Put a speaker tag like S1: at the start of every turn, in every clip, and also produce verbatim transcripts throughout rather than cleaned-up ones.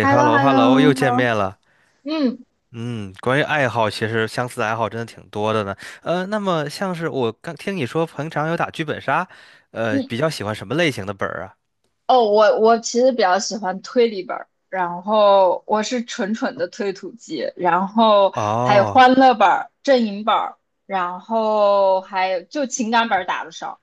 S1: h e l l o h
S2: ，hello
S1: e l l o
S2: hello，又
S1: h e
S2: 见
S1: l l o
S2: 面了。
S1: 嗯
S2: 嗯，关于爱好，其实相似的爱好真的挺多的呢。呃，那么像是我刚听你说平常有打剧本杀，呃，
S1: 嗯，
S2: 比较喜欢什么类型的本儿啊？
S1: 哦，我我其实比较喜欢推理本儿，然后我是纯纯的推土机，然后还有
S2: 哦。
S1: 欢乐本儿、阵营本儿，然后还有就情感本儿打的少，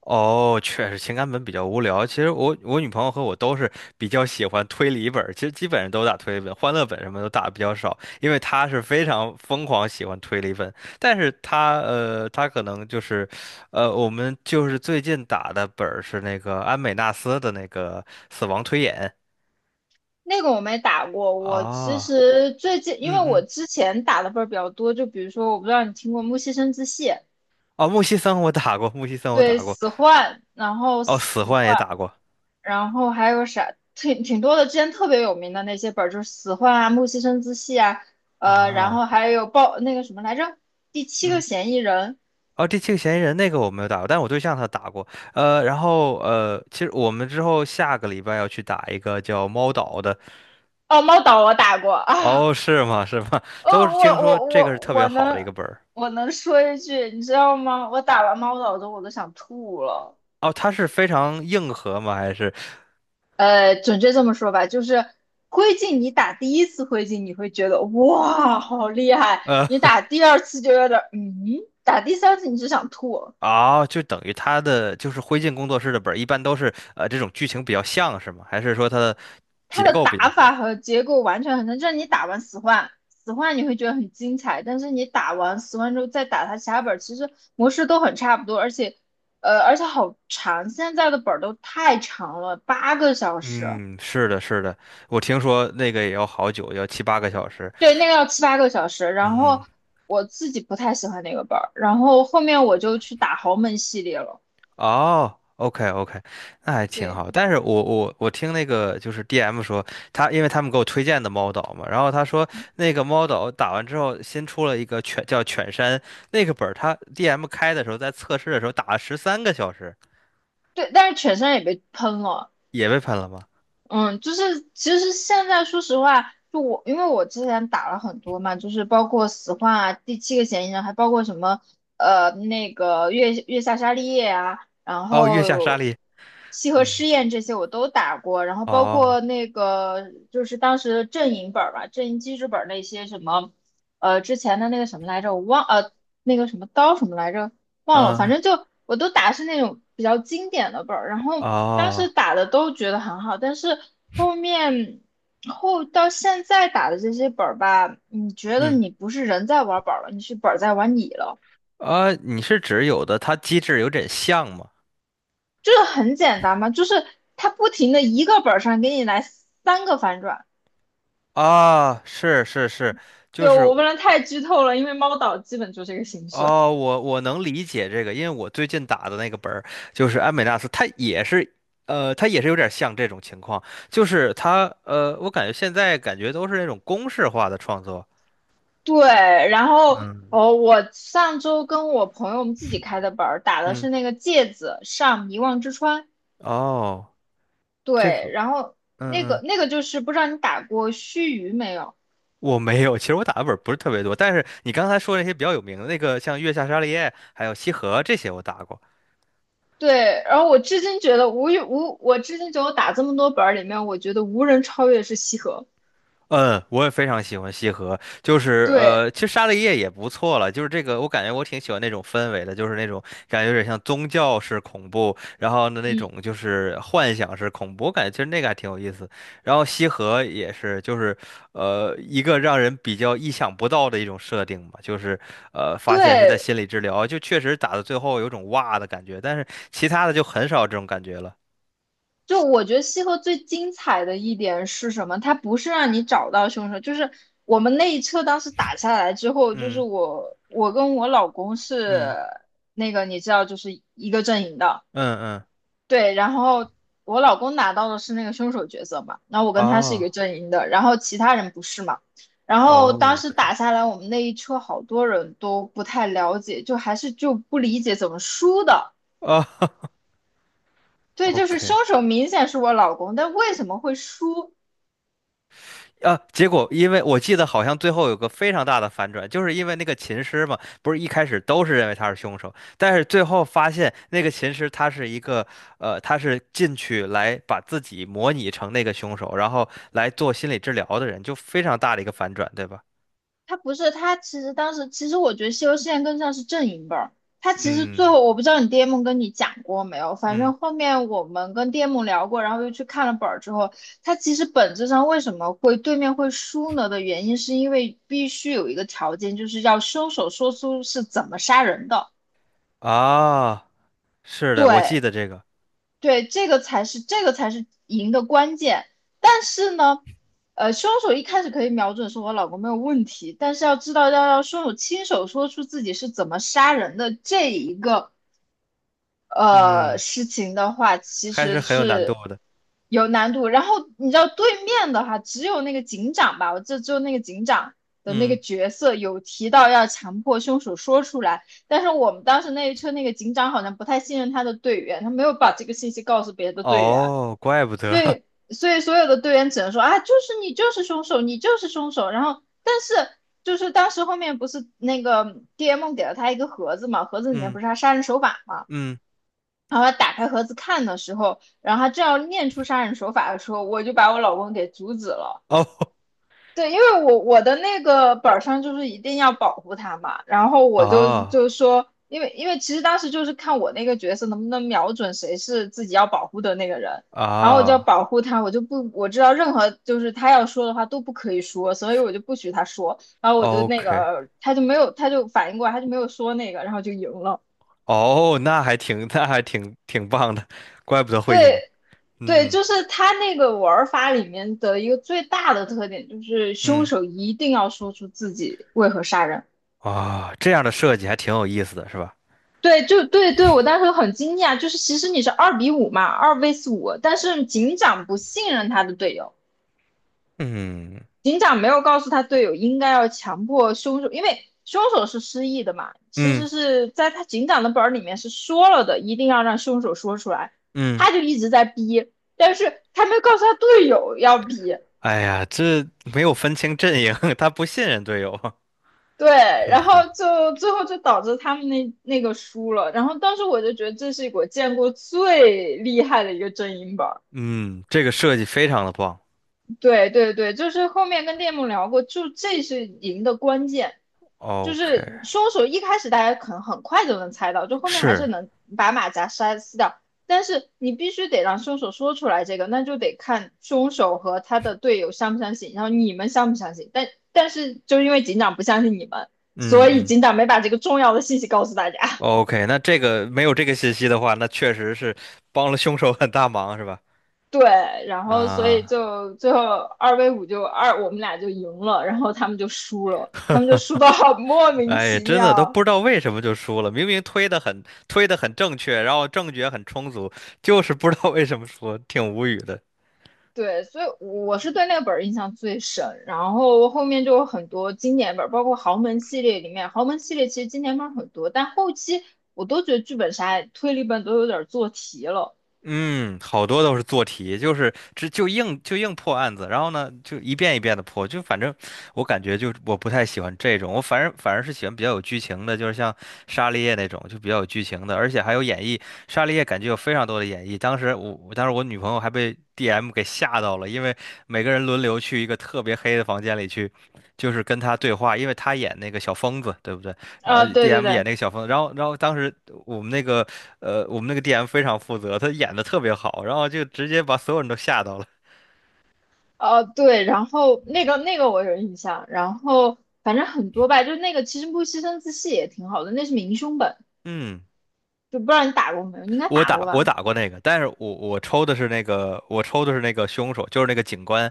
S2: 哦，确实情感本比较无聊。其实我我女朋友和我都是比较喜欢推理本儿，其实基本上都打推理本，欢乐本什么都打的比较少，因为她是非常疯狂喜欢推理本。但是她呃，她可能就是，呃，我们就是最近打的本儿是那个安美纳斯的那个死亡推演
S1: 那个我没打过。我其
S2: 啊，
S1: 实最近因为
S2: 嗯
S1: 我
S2: 嗯，
S1: 之前打的本儿比较多，就比如说我不知道你听过《木西生之戏》，
S2: 哦，木西森我打过，木西森我
S1: 对，
S2: 打过，
S1: 死幻，然后
S2: 哦，
S1: 死。
S2: 死幻也打过
S1: 然后还有啥，挺挺多的。之前特别有名的那些本儿，就是《死患》啊、《木西生自戏》啊，呃，然
S2: 啊，
S1: 后还有报那个什么来着，《第七个
S2: 嗯。
S1: 嫌疑人》
S2: 哦，第七个嫌疑人那个我没有打过，但我对象他打过。呃，然后呃，其实我们之后下个礼拜要去打一个叫猫岛的。
S1: 哦，《猫岛》我打过啊，
S2: 哦，是吗？是吗？
S1: 哦，
S2: 都是听
S1: 我
S2: 说
S1: 我
S2: 这个是
S1: 我
S2: 特别
S1: 我
S2: 好的一
S1: 能
S2: 个本儿。
S1: 我能说一句，你知道吗？我打完《猫岛》之后我都想吐了。
S2: 哦，它是非常硬核吗？还是
S1: 呃，准确这么说吧，就是灰烬，你打第一次灰烬，你会觉得哇，好厉害；你
S2: 呃
S1: 打第二次就有点儿嗯，打第三次你就想吐。
S2: 啊、就等于它的就是灰烬工作室的本儿，一般都是呃这种剧情比较像是吗？还是说它的结
S1: 它的
S2: 构比较
S1: 打
S2: 像？
S1: 法和结构完全很像，就是你打完死幻，死幻你会觉得很精彩，但是你打完死幻之后再打它其他本其实模式都很差不多，而且，呃，而且好长，现在的本都太长了，八个小时，
S2: 嗯，是的，是的，我听说那个也要好久，要七八个小时。
S1: 对，那个要七八个小时，然
S2: 嗯。
S1: 后我自己不太喜欢那个本然后后面我就去打豪门系列了，
S2: 哦，OK OK，那还挺
S1: 对
S2: 好。但是我我我听那个就是 D M 说，他因为他们给我推荐的猫岛嘛，然后他说那个猫岛打完之后新出了一个犬叫犬山那个本儿，他 D M 开的时候在测试的时候打了十三个小时，
S1: 对，但是犬山也被喷了，
S2: 也被喷了吗？
S1: 嗯，就是其实现在说实话，就我因为我之前打了很多嘛，就是包括死幻啊、第七个嫌疑人，还包括什么呃那个月月下沙利叶啊，然
S2: 哦，月下沙
S1: 后
S2: 利，
S1: 西河
S2: 嗯，
S1: 试验这些我都打过，然后包
S2: 哦，
S1: 括那个就是当时的阵营本儿吧，阵营机制本儿那些什么呃之前的那个什么来着，我忘呃那个什么刀什么来着，忘了，反
S2: 嗯，
S1: 正就我都打的是那种比较经典的本儿，然后当时
S2: 哦，
S1: 打的都觉得很好，但是后面后到现在打的这些本儿吧，你觉得
S2: 嗯，
S1: 你不是人在玩本儿了，你是本儿在玩你了，
S2: 啊，你是指有的它机制有点像吗？
S1: 就是很简单嘛，就是它不停的一个本儿上给你来三个反转，
S2: 啊，是是是，就
S1: 就
S2: 是。
S1: 我不能太剧透了，因为猫岛基本就这个形式。
S2: 哦，我我能理解这个，因为我最近打的那个本儿就是安美纳斯，它也是，呃，它也是有点像这种情况，就是它，呃，我感觉现在感觉都是那种公式化的创作。
S1: 对，然后
S2: 嗯，
S1: 哦，我上周跟我朋友我们自己开的本儿打的
S2: 嗯，
S1: 是那个芥子上遗忘之川。
S2: 哦，这个，
S1: 对，然后
S2: 嗯
S1: 那个
S2: 嗯，
S1: 那个就是不知道你打过须臾没有？
S2: 我没有，其实我打的本儿不是特别多，但是你刚才说那些比较有名的那个，像月下沙利叶还有西河这些，我打过。
S1: 对，然后我至今觉得无与无，我至今觉得我打这么多本儿里面，我觉得无人超越是西河。
S2: 嗯，我也非常喜欢西河，就是
S1: 对，
S2: 呃，其实沙利叶也不错了，就是这个，我感觉我挺喜欢那种氛围的，就是那种感觉有点像宗教式恐怖，然后呢那
S1: 嗯，
S2: 种就是幻想式恐怖，我感觉其实那个还挺有意思。然后西河也是，就是呃一个让人比较意想不到的一种设定吧，就是呃发现是在
S1: 对，
S2: 心理治疗，就确实打到最后有种哇的感觉，但是其他的就很少这种感觉了。
S1: 就我觉得西河最精彩的一点是什么？它不是让你找到凶手，就是我们那一车当时打下来之后，就是
S2: 嗯
S1: 我我跟我老公是
S2: 嗯
S1: 那个你知道，就是一个阵营的。
S2: 嗯嗯，
S1: 对，然后我老公拿到的是那个凶手角色嘛，那我跟他是一
S2: 哦。
S1: 个阵营的，然后其他人不是嘛。然后
S2: 哦
S1: 当时
S2: ，OK，
S1: 打下来，我们那一车好多人都不太了解，就还是就不理解怎么输的。
S2: 哦，
S1: 对，就是
S2: OK，
S1: 凶手明显是我老公，但为什么会输？
S2: 啊，结果因为我记得好像最后有个非常大的反转，就是因为那个琴师嘛，不是一开始都是认为他是凶手，但是最后发现那个琴师他是一个，呃，他是进去来把自己模拟成那个凶手，然后来做心理治疗的人，就非常大的一个反转，对吧？
S1: 他不是他，其实当时其实我觉得西游记更像是阵营本。他其实最
S2: 嗯
S1: 后我不知道你 D M 跟你讲过没有，反
S2: 嗯
S1: 正后面我们跟 D M 聊过，然后又去看了本儿之后，他其实本质上为什么会对面会输呢的原因，是因为必须有一个条件，就是要凶手说出是怎么杀人的。
S2: 啊，是的，我记
S1: 对，
S2: 得这个，
S1: 对，这个才是这个才是赢的关键。但是呢，呃，凶手一开始可以瞄准说我老公没有问题，但是要知道要让凶手亲手说出自己是怎么杀人的这一个呃
S2: 嗯，
S1: 事情的话，其
S2: 还是
S1: 实
S2: 很有难度
S1: 是
S2: 的，
S1: 有难度。然后你知道对面的话，只有那个警长吧，我记得只有那个警长的那个
S2: 嗯，
S1: 角色有提到要强迫凶手说出来，但是我们当时那一车那个警长好像不太信任他的队员，他没有把这个信息告诉别的队员，
S2: 哦，怪不得，
S1: 所以所以所有的队员只能说啊，就是你就是凶手，你就是凶手。然后但是。就是当时后面不是那个 D M 给了他一个盒子嘛，盒 子里面
S2: 嗯
S1: 不是他杀人手法嘛，
S2: 嗯，
S1: 然后他打开盒子看的时候，然后他正要念出杀人手法的时候，我就把我老公给阻止了。
S2: 哦
S1: 对，因为我我的那个本上就是一定要保护他嘛，然后 我就
S2: 啊
S1: 就说，因为因为其实当时就是看我那个角色能不能瞄准谁是自己要保护的那个人，然后我就要
S2: 啊。
S1: 保护他，我就不我知道任何就是他要说的话都不可以说，所以我就不许他说，然后我就那
S2: OK，
S1: 个他就没有他就反应过来，他就没有说那个，然后就赢了。
S2: 哦，那还挺，那还挺挺棒的，怪不得会赢。
S1: 对，对，
S2: 嗯
S1: 就是他那个玩法里面的一个最大的特点，就是凶
S2: 嗯
S1: 手一定要说出自己为何杀人。
S2: 啊，这样的设计还挺有意思的，是吧？
S1: 对，就对对，我当时很惊讶，就是其实你是二比五嘛，二 v s 五，但是警长不信任他的队友，
S2: 嗯
S1: 警长没有告诉他队友应该要强迫凶手，因为凶手是失忆的嘛，其
S2: 嗯
S1: 实是在他警长的本儿里面是说了的，一定要让凶手说出来，
S2: 嗯
S1: 他就一直在逼，但是他没有告诉他队友要逼。
S2: 哎呀，这没有分清阵营，他不信任队友。
S1: 对，
S2: 嗯
S1: 然后
S2: 哼，
S1: 就最后就导致他们那那个输了。然后当时我就觉得这是我见过最厉害的一个阵营吧。
S2: 嗯，这个设计非常的棒。
S1: 对对对，就是后面跟店木聊过，就这是赢的关键，就
S2: OK，
S1: 是凶手一开始大家可能很快就能猜到，就后面还是
S2: 是
S1: 能把马甲杀撕掉，但是你必须得让凶手说出来这个，那就得看凶手和他的队友相不相信，然后你们相不相信，但但是就因为警长不相信你们，
S2: 嗯
S1: 所以
S2: 嗯，
S1: 警长没把这个重要的信息告诉大家。
S2: OK，那这个没有这个信息的话，那确实是帮了凶手很大忙，是吧？
S1: 对，然后所以
S2: 啊。
S1: 就最后二 v 五就二，我们俩就赢了，然后他们就输了，他们就输到好莫名
S2: 哎，
S1: 其
S2: 真的都
S1: 妙。
S2: 不知道为什么就输了，明明推的很推的很正确，然后证据也很充足，就是不知道为什么输，挺无语的。
S1: 对，所以我是对那个本儿印象最深，然后后面就有很多经典本儿，包括豪门系列里面，豪门系列其实经典本儿很多，但后期我都觉得剧本杀、推理本都有点做题了。
S2: 嗯，好多都是做题，就是这就硬就硬破案子，然后呢就一遍一遍的破，就反正我感觉就是我不太喜欢这种，我反正反而是喜欢比较有剧情的，就是像《沙利叶》那种就比较有剧情的，而且还有演绎。《沙利叶》感觉有非常多的演绎，当时我我当时我女朋友还被 D M 给吓到了，因为每个人轮流去一个特别黑的房间里去，就是跟他对话，因为他演那个小疯子，对不对？然后
S1: 啊、对对
S2: D M
S1: 对，
S2: 演那个小疯子，然后然后当时我们那个呃我们那个 D M 非常负责，他演的特别好，然后就直接把所有人都吓到了。
S1: 呃，对，然后那个那个我有印象，然后反正很多吧，就那个其实不牺牲自戏也挺好的，那是明凶本。
S2: 嗯，
S1: 就不知道你打过没有，你应该
S2: 我
S1: 打
S2: 打
S1: 过
S2: 我
S1: 吧？
S2: 打过那个，但是我我抽的是那个我抽的是那个凶手，就是那个警官。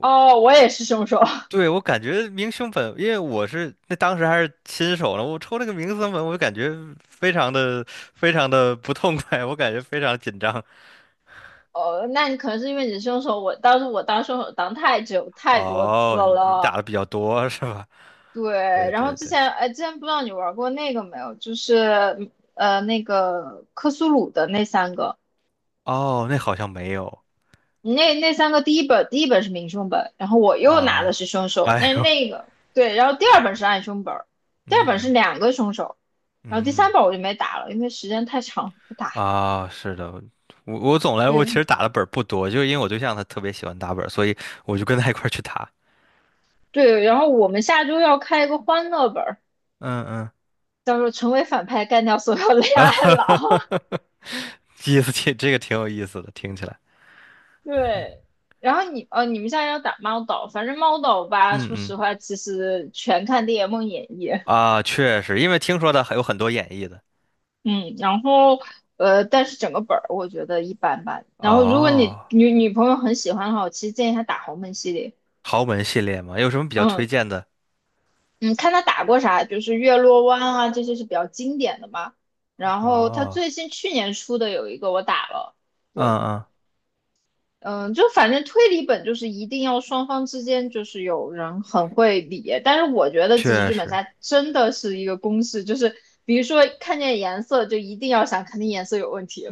S1: 哦，我也是凶手。
S2: 对，我感觉明凶粉，因为我是那当时还是新手呢，我抽那个明凶粉，我就感觉非常的非常的不痛快，我感觉非常紧张。
S1: 哦，那你可能是因为你是凶手，我当时我当凶手当太久太多次
S2: 哦，你你打
S1: 了。
S2: 的比较多是吧？
S1: 对，
S2: 对
S1: 然后
S2: 对
S1: 之
S2: 对，
S1: 前哎，之前不知道你玩过那个没有，就是呃那个克苏鲁的那三个，
S2: 哦，那好像没有。
S1: 那那三个第一本第一本是明凶本，然后我又拿的
S2: 啊，
S1: 是凶手，
S2: 哎
S1: 那
S2: 呦，
S1: 那个对，然后第二本是暗凶本，第二本是
S2: 嗯
S1: 两个凶手，然后第
S2: 嗯
S1: 三本我就没打了，因为时间太长不打了。
S2: 啊，是的，我我总来，我其
S1: 对，
S2: 实打的本儿不多，就是因为我对象他特别喜欢打本儿，所以我就跟他一块儿去打。
S1: 对，然后我们下周要开一个欢乐本儿，
S2: 嗯嗯，
S1: 叫做"成为反派，干掉所有恋
S2: 啊
S1: 爱
S2: 哈
S1: 脑"
S2: 哈哈哈哈，意思挺这个挺有意思的，听起来。
S1: 对，然后你呃，你们现在要打猫岛，反正猫岛吧，
S2: 嗯
S1: 说
S2: 嗯
S1: 实话，其实全看《猎梦演义》。
S2: 啊，确实，因为听说的还有很多演绎的。
S1: 嗯，然后呃，但是整个本儿我觉得一般般。然后如果你
S2: 哦，
S1: 女女朋友很喜欢的话，我其实建议她打豪门系列。
S2: 豪门系列嘛，有什么比较推
S1: 嗯
S2: 荐的？
S1: 嗯，看她打过啥，就是月落湾啊，这些是比较经典的嘛。然后她
S2: 哦，
S1: 最新去年出的有一个我打了，
S2: 嗯
S1: 对。
S2: 嗯，
S1: 嗯，就反正推理本就是一定要双方之间就是有人很会理，但是我觉得其实
S2: 确
S1: 剧本
S2: 实
S1: 杀真的是一个公式，就是比如说看见颜色就一定要想肯定颜色有问题，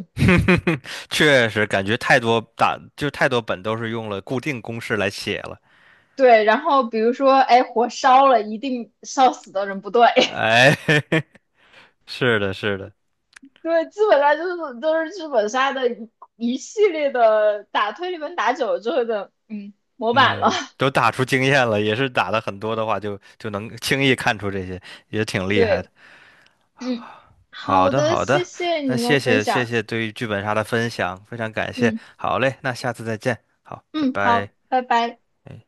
S2: 确实，感觉太多打就太多本都是用了固定公式来写了。
S1: 对，然后比如说哎火烧了，一定烧死的人不对，
S2: 哎，是的，是的，
S1: 对，基本上就是都是剧本杀的一一系列的打推理本打久了之后的嗯模板了，
S2: 嗯，都打出经验了，也是打的很多的话就，就能轻易看出这些，也挺厉害的。
S1: 对，嗯，
S2: 好
S1: 好
S2: 的，
S1: 的，
S2: 好
S1: 谢
S2: 的，
S1: 谢
S2: 那
S1: 你跟我
S2: 谢
S1: 分
S2: 谢谢
S1: 享，
S2: 谢对于剧本杀的分享，非常感谢。
S1: 嗯
S2: 好嘞，那下次再见。好，拜
S1: 嗯，好，
S2: 拜。
S1: 拜拜。
S2: 哎